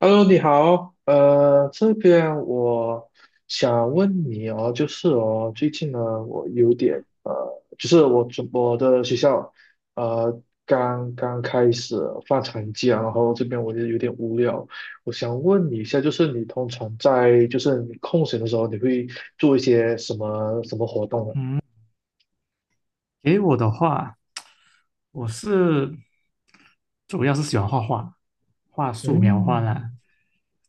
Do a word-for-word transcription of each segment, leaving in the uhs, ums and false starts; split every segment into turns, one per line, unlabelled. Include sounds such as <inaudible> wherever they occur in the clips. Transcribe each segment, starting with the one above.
Hello，你好，呃，这边我想问你哦，就是哦，最近呢，我有点呃，就是我准我的学校呃刚刚开始放长假，然后这边我就有点无聊，我想问你一下，就是你通常在就是你空闲的时候，你会做一些什么什么活动呢？
嗯，给我的话，我是主要是喜欢画画，画素描画
嗯，
啦。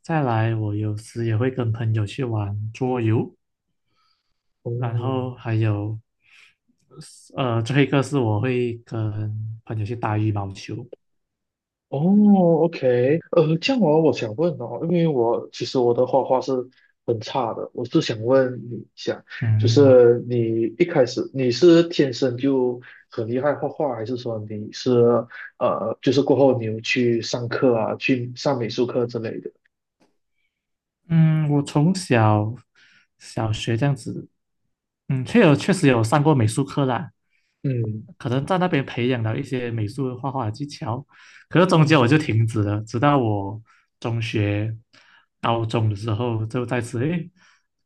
再来，我有时也会跟朋友去玩桌游，然后
哦
还有，呃，最后一个是我会跟朋友去打羽毛球。
哦，OK，呃，这样哦，我想问哦，因为我其实我的画画是很差的，我是想问你一下，就
嗯
是你一开始你是天生就很厉害画画，还是说你是呃，就是过后你有去上课啊，去上美术课之类的？
嗯，我从小小学这样子，嗯，确有确实有上过美术课啦，
嗯
可能在那边培养了一些美术画画的技巧，可是中间我就
嗯，
停止了，直到我中学、高中的时候就再次，诶，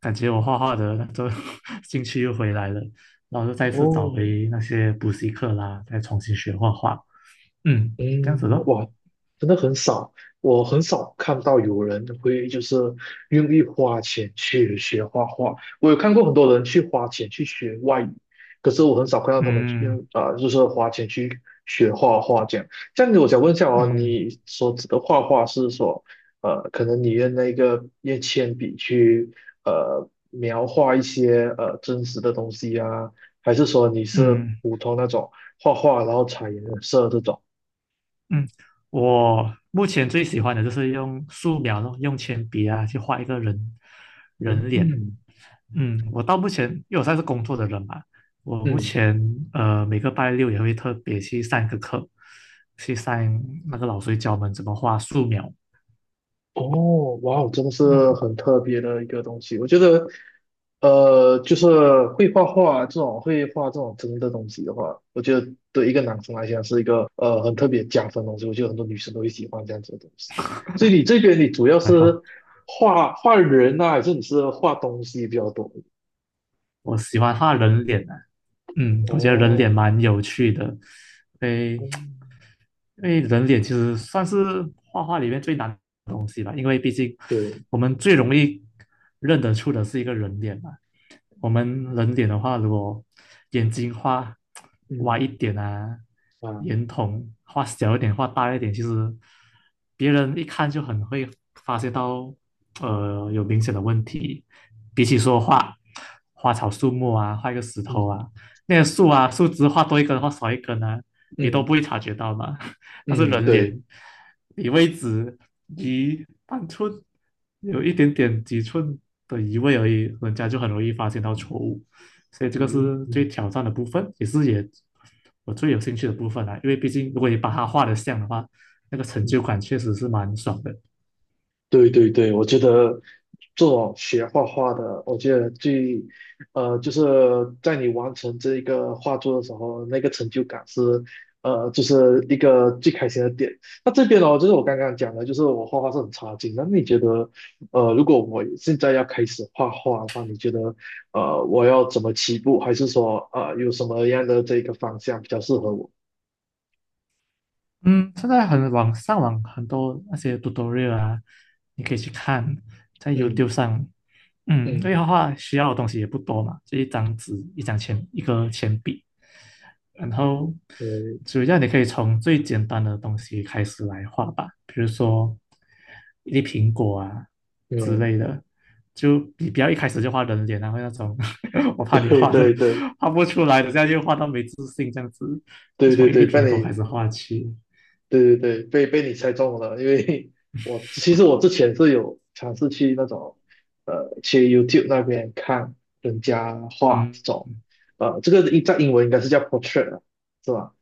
感觉我画画的那种 <laughs> 兴趣又回来了，然后就再次
哦
找回那些补习课啦，再重新学画画，嗯，这样子
嗯，
咯，
哇，真的很少，我很少看到有人会就是愿意花钱去学画画。我有看过很多人去花钱去学外语，可是我很少看到他们去
嗯
啊、呃就是花钱去学画画这样。这样子，我想问一下哦，
嗯
你所指的画画是说，呃，可能你用那个用铅笔去呃描画一些呃真实的东西啊，还是说你是
嗯
普通那种画画然后彩颜色这种？
嗯，嗯，我目前最喜欢的就是用素描咯，用铅笔啊去画一个人人脸，
嗯
嗯，我到目前，因为我算是工作的人嘛，我目
嗯，
前呃每个拜六也会特别去上一个课，去上那个老师教我们怎么画素描。
哦，哇哦，真的是
嗯，
很特别的一个东西。我觉得，呃，就是会画画这种会画这种真的东西的话，我觉得对一个男生来讲是一个呃很特别加分的东西。我觉得很多女生都会喜欢这样子的东西。所以你这边你主要
还好，
是画画人啊，还是你是画东西比较多？
我喜欢画人脸啊。嗯，我觉得人脸
哦，
蛮有趣的，因为
嗯，
因为人脸其实算是画画里面最难的东西吧，因为毕竟
对，
我们最容易认得出的是一个人脸嘛。我们人脸的话，如果眼睛画歪
嗯
一点啊，
啊，
眼瞳画小一点啊，画大一点，其实别人一看就很会发现到，呃，有明显的问题。比起说画花草树木啊，画一个石头
嗯
啊，那个树啊，树枝画多一根，或少一根呢，你都不
嗯
会察觉到嘛。<laughs> 那是
嗯，
人
对，
脸离位置移半寸，有一点点几寸的移位而已，人家就很容易发现到错误。所以这个
嗯
是最
嗯
挑战的部分，也是也我最有兴趣的部分啦。因为毕竟如果你把它画的像的话，那个成
嗯。
就感确实是蛮爽的。
对对对，我觉得做种学画画的，我觉得最，呃，就是在你完成这一个画作的时候，那个成就感是，呃，就是一个最开心的点。那这边呢，就是我刚刚讲的，就是我画画是很差劲。那你觉得，呃，如果我现在要开始画画的话，你觉得，呃，我要怎么起步，还是说，呃，有什么样的这个方向比较适合我？
嗯，现在很网上网很多那些 tutorial 啊，你可以去看，在 YouTube
嗯
上，嗯，因为
嗯，
画画需要的东西也不多嘛，就一张纸、一张铅、一个铅笔，然后
对，
主要你可以从最简单的东西开始来画吧，比如说一粒苹果啊之
嗯，
类的，就你不要一开始就画人脸啊，后那种 <laughs> 我
<laughs>
怕你
对
画的
对对
画不出来的，这样就画到没自信这样子，就
对
从
对
一
对，
粒
被
苹果开
你。
始画起。
对对对，被被你猜中了，因为 <laughs> 我其实我之前是有尝试去那种，呃，去 YouTube 那边看人家画
嗯
这种，呃，这个一在英文应该是叫 portrait 啊是吧？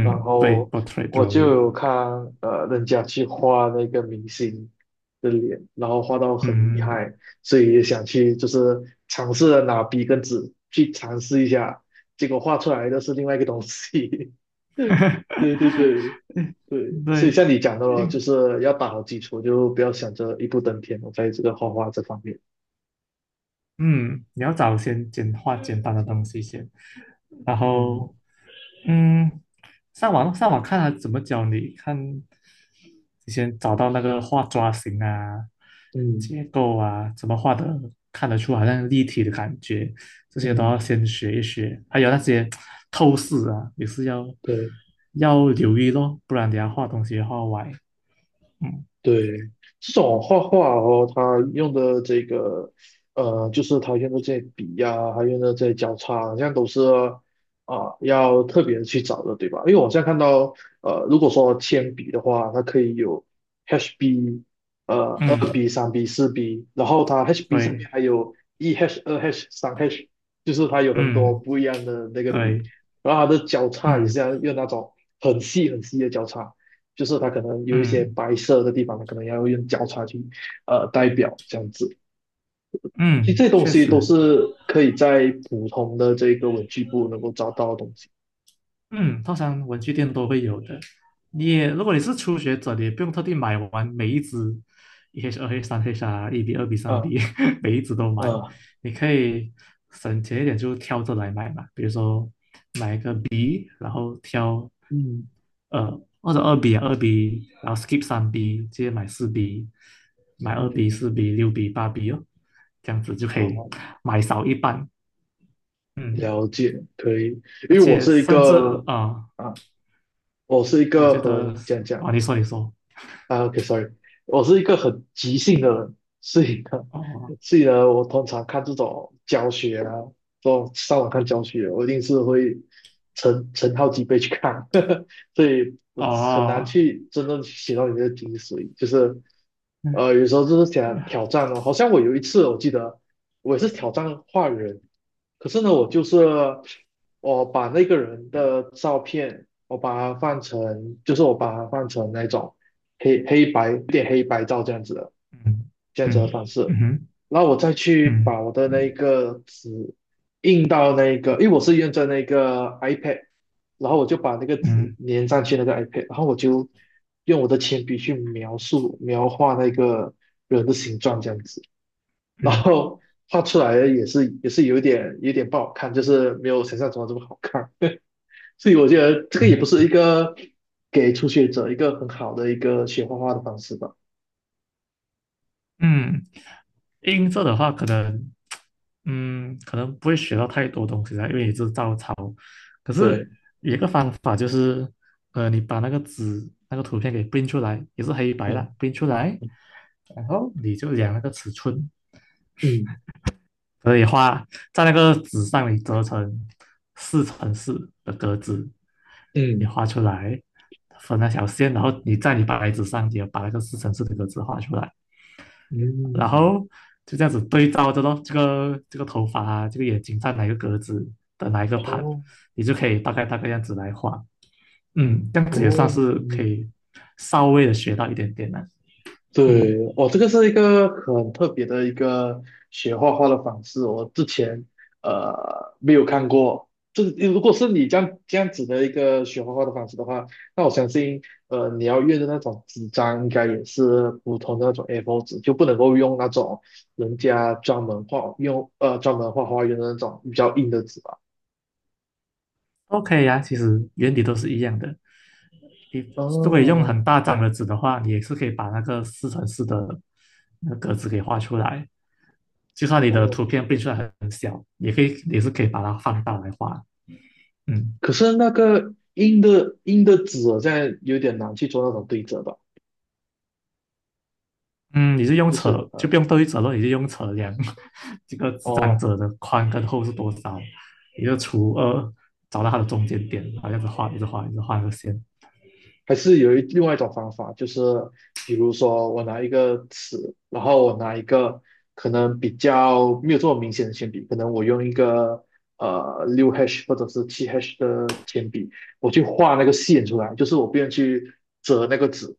然
对
后
，portrait
我就
drawing，
有看呃人家去画那个明星的脸，然后画到很厉
嗯，
害，所以也想去就是尝试着拿笔跟纸去尝试一下，结果画出来的是另外一个东西。<laughs> 对对对
<laughs>
对，所以
对，
像你讲到了，就
嗯，
是要打好基础，就不要想着一步登天。我在这个画画这方面，
嗯，你要找先简化简单的东西先，然
嗯
后嗯，上网上网看他怎么教你，看你先找到那个画抓形啊、
嗯
结构啊，怎么画的看得出好像立体的感觉，这些都
嗯，
要先学一学。还有那些透视啊，也是要
对。
要留意咯，不然等下画东西画歪。嗯
对，这种画画哦，他用的这个，呃，就是他用的这些笔呀、还用的这些交叉，好像都是啊、要特别去找的，对吧？因为我现在看到，呃，如果说铅笔的话，它可以有 H B，呃，二
嗯，
B、三 B、四 B，然后它 H B 下
对，
面还有一 H、二 H、三 H，就是它有很多
嗯
不一样的那个笔，
对，
然后它的交叉也
嗯
是要用那种很细很细的交叉。就是它可能有一些
嗯
白色的地方，它可能要用交叉去呃代表这样子。其
嗯，
实这些东
确
西都
实。
是可以在普通的这个文具部能够找到的东西
嗯，通常文具店都会有的。你也，如果你是初学者，你也不用特地买完每一支一 H、二 H、三 H 啊，一 B、二 B、三
啊
B，<laughs> 每一支都买。
啊，
你可以省钱一点，就挑着来买嘛。比如说买一个 B，然后挑
嗯
呃或者二 B 啊二 B，然后 skip 三 B，直接买四 B，买二 B、
嗯，
四 B、六 B、八 B 哦，这样子就可以
好，
买少一半。嗯，
了解，可以，因
而
为我
且
是一
甚至
个
啊、呃
啊，我是一
我觉
个
得
很讲讲
啊，你说你说。
啊，OK，sorry，我是一个很急性的人，所以呢，
哦
所以呢，我通常看这种教学啊，这种上网看教学，我一定是会成成好几倍去看，<laughs> 所以我很难
哦，
去真正写到里面的精髓，就是
嗯
呃，有时候就是想
嗯
挑战哦，好像我有一次我记得我也是挑战画人，可是呢，我就是我把那个人的照片，我把它放成，就是我把它放成那种。黑黑白有点黑白照这样子的
嗯
这样子的方式，
嗯
然后我再去
嗯
把我的那个纸印到那个，因为我是用着那个 iPad，然后我就把那个纸
嗯
粘上去那个 iPad，然后我就用我的铅笔去描述描画那个人的形状这样子，然
嗯
后画出来的也是也是有点有点不好看，就是没有想象中的这么好看。<laughs> 所以我觉得这个也不
嗯
是一个给初学者一个很好的一个学画画的方式吧。
嗯，音色的话可能，嗯，可能不会学到太多东西啦，因为也是照抄。可是
对，
有一个方法就是，呃，你把那个纸那个图片给 p i n 出来，也是黑白的
嗯
p i n 出来，然后你就量那个尺寸，
嗯
可以画在那个纸上，你折成四乘四的格子，你
嗯
画出来，分那条线，然后你在你白纸上也把那个四乘四的格子画出来，然
嗯，
后就这样子对照着咯，这个这个头发啊，这个眼睛在哪个格子的哪一个盘，
哦
你就可以大概大概样子来画，嗯，这样子也算
哦，
是可以稍微的学到一点点了，嗯
对，哦，这个是一个很特别的一个学画画的方式，我之前呃没有看过。这如果是你这样这样子的一个学画画的方式的话，那我相信呃你要用的那种纸张应该也是普通的那种 A 四 纸，就不能够用那种人家专门画用呃专门画画用的那种比较硬的纸吧。
，OK 呀、啊其实原理都是一样的，你如果你用
哦
很大张的纸的话，你也是可以把那个四乘四的那个格子给画出来。就算你的图
哦
片变出来很小，也可以，也是可以把它放大来画。嗯
可是那个硬的硬的纸在有点难去做那种对折吧，
嗯，你是用
就
尺，
是
就
呃，
不用对折了，你是用尺量 <laughs> 这个纸张
哦，
折的宽跟厚是多少，你就除二，找到它的中间点，然后一样画，一直画，一直画那个线。
还是有一另外一种方法，就是比如说我拿一个尺，然后我拿一个可能比较没有这么明显的铅笔，可能我用一个呃六 hash 或者是七 h 的铅笔，我去画那个线出来，就是我不用去折那个纸，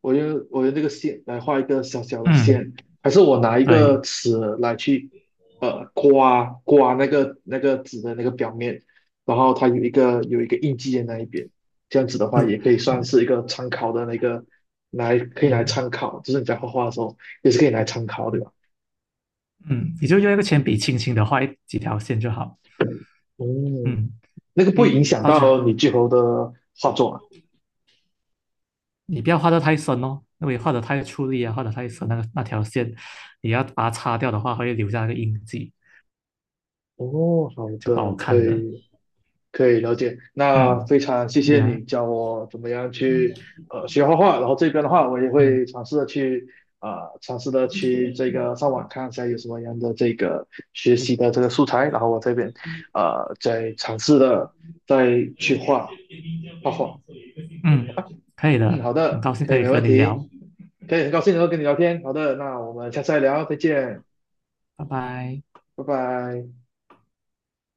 我用我用这个线来画一个小小的
嗯，
线，还是我拿一个
对，
尺来去呃刮刮那个那个纸的那个表面，然后它有一个有一个印记在那一边。这样子的话，
是，
也可以算
嗯
是一个参考的那个，来可以来
嗯
参考，就是你在画画的时候也是可以来参考，对吧？
嗯，你就用一个铅笔轻轻的画一几条线就好。
嗯，
嗯，
那个不会影
诶，
响
到最后
到你最后的画作啊。
你不要画得太深哦，因为画得太出力啊，画得太深，那个那条线，你要把它擦掉的话，会留下那个印记，
哦，好
就不
的，
好
可
看了。
以可以了解。那
嗯，
非常谢
对
谢
呀、啊
你教我怎么样去呃学画画，然后这边的话我也
嗯
会尝试的去呃尝试的去这个上网看一下有什么样的这个学习的这个素材，然后我这边呃再尝试的再去画。好
嗯，可以
嗯，
的，
好
很
的，
高兴
可
可
以，
以
没
和
问
你聊，
题，可以，很高兴能够跟你聊天。好的，那我们下次再聊，再见，
拜拜。
拜拜。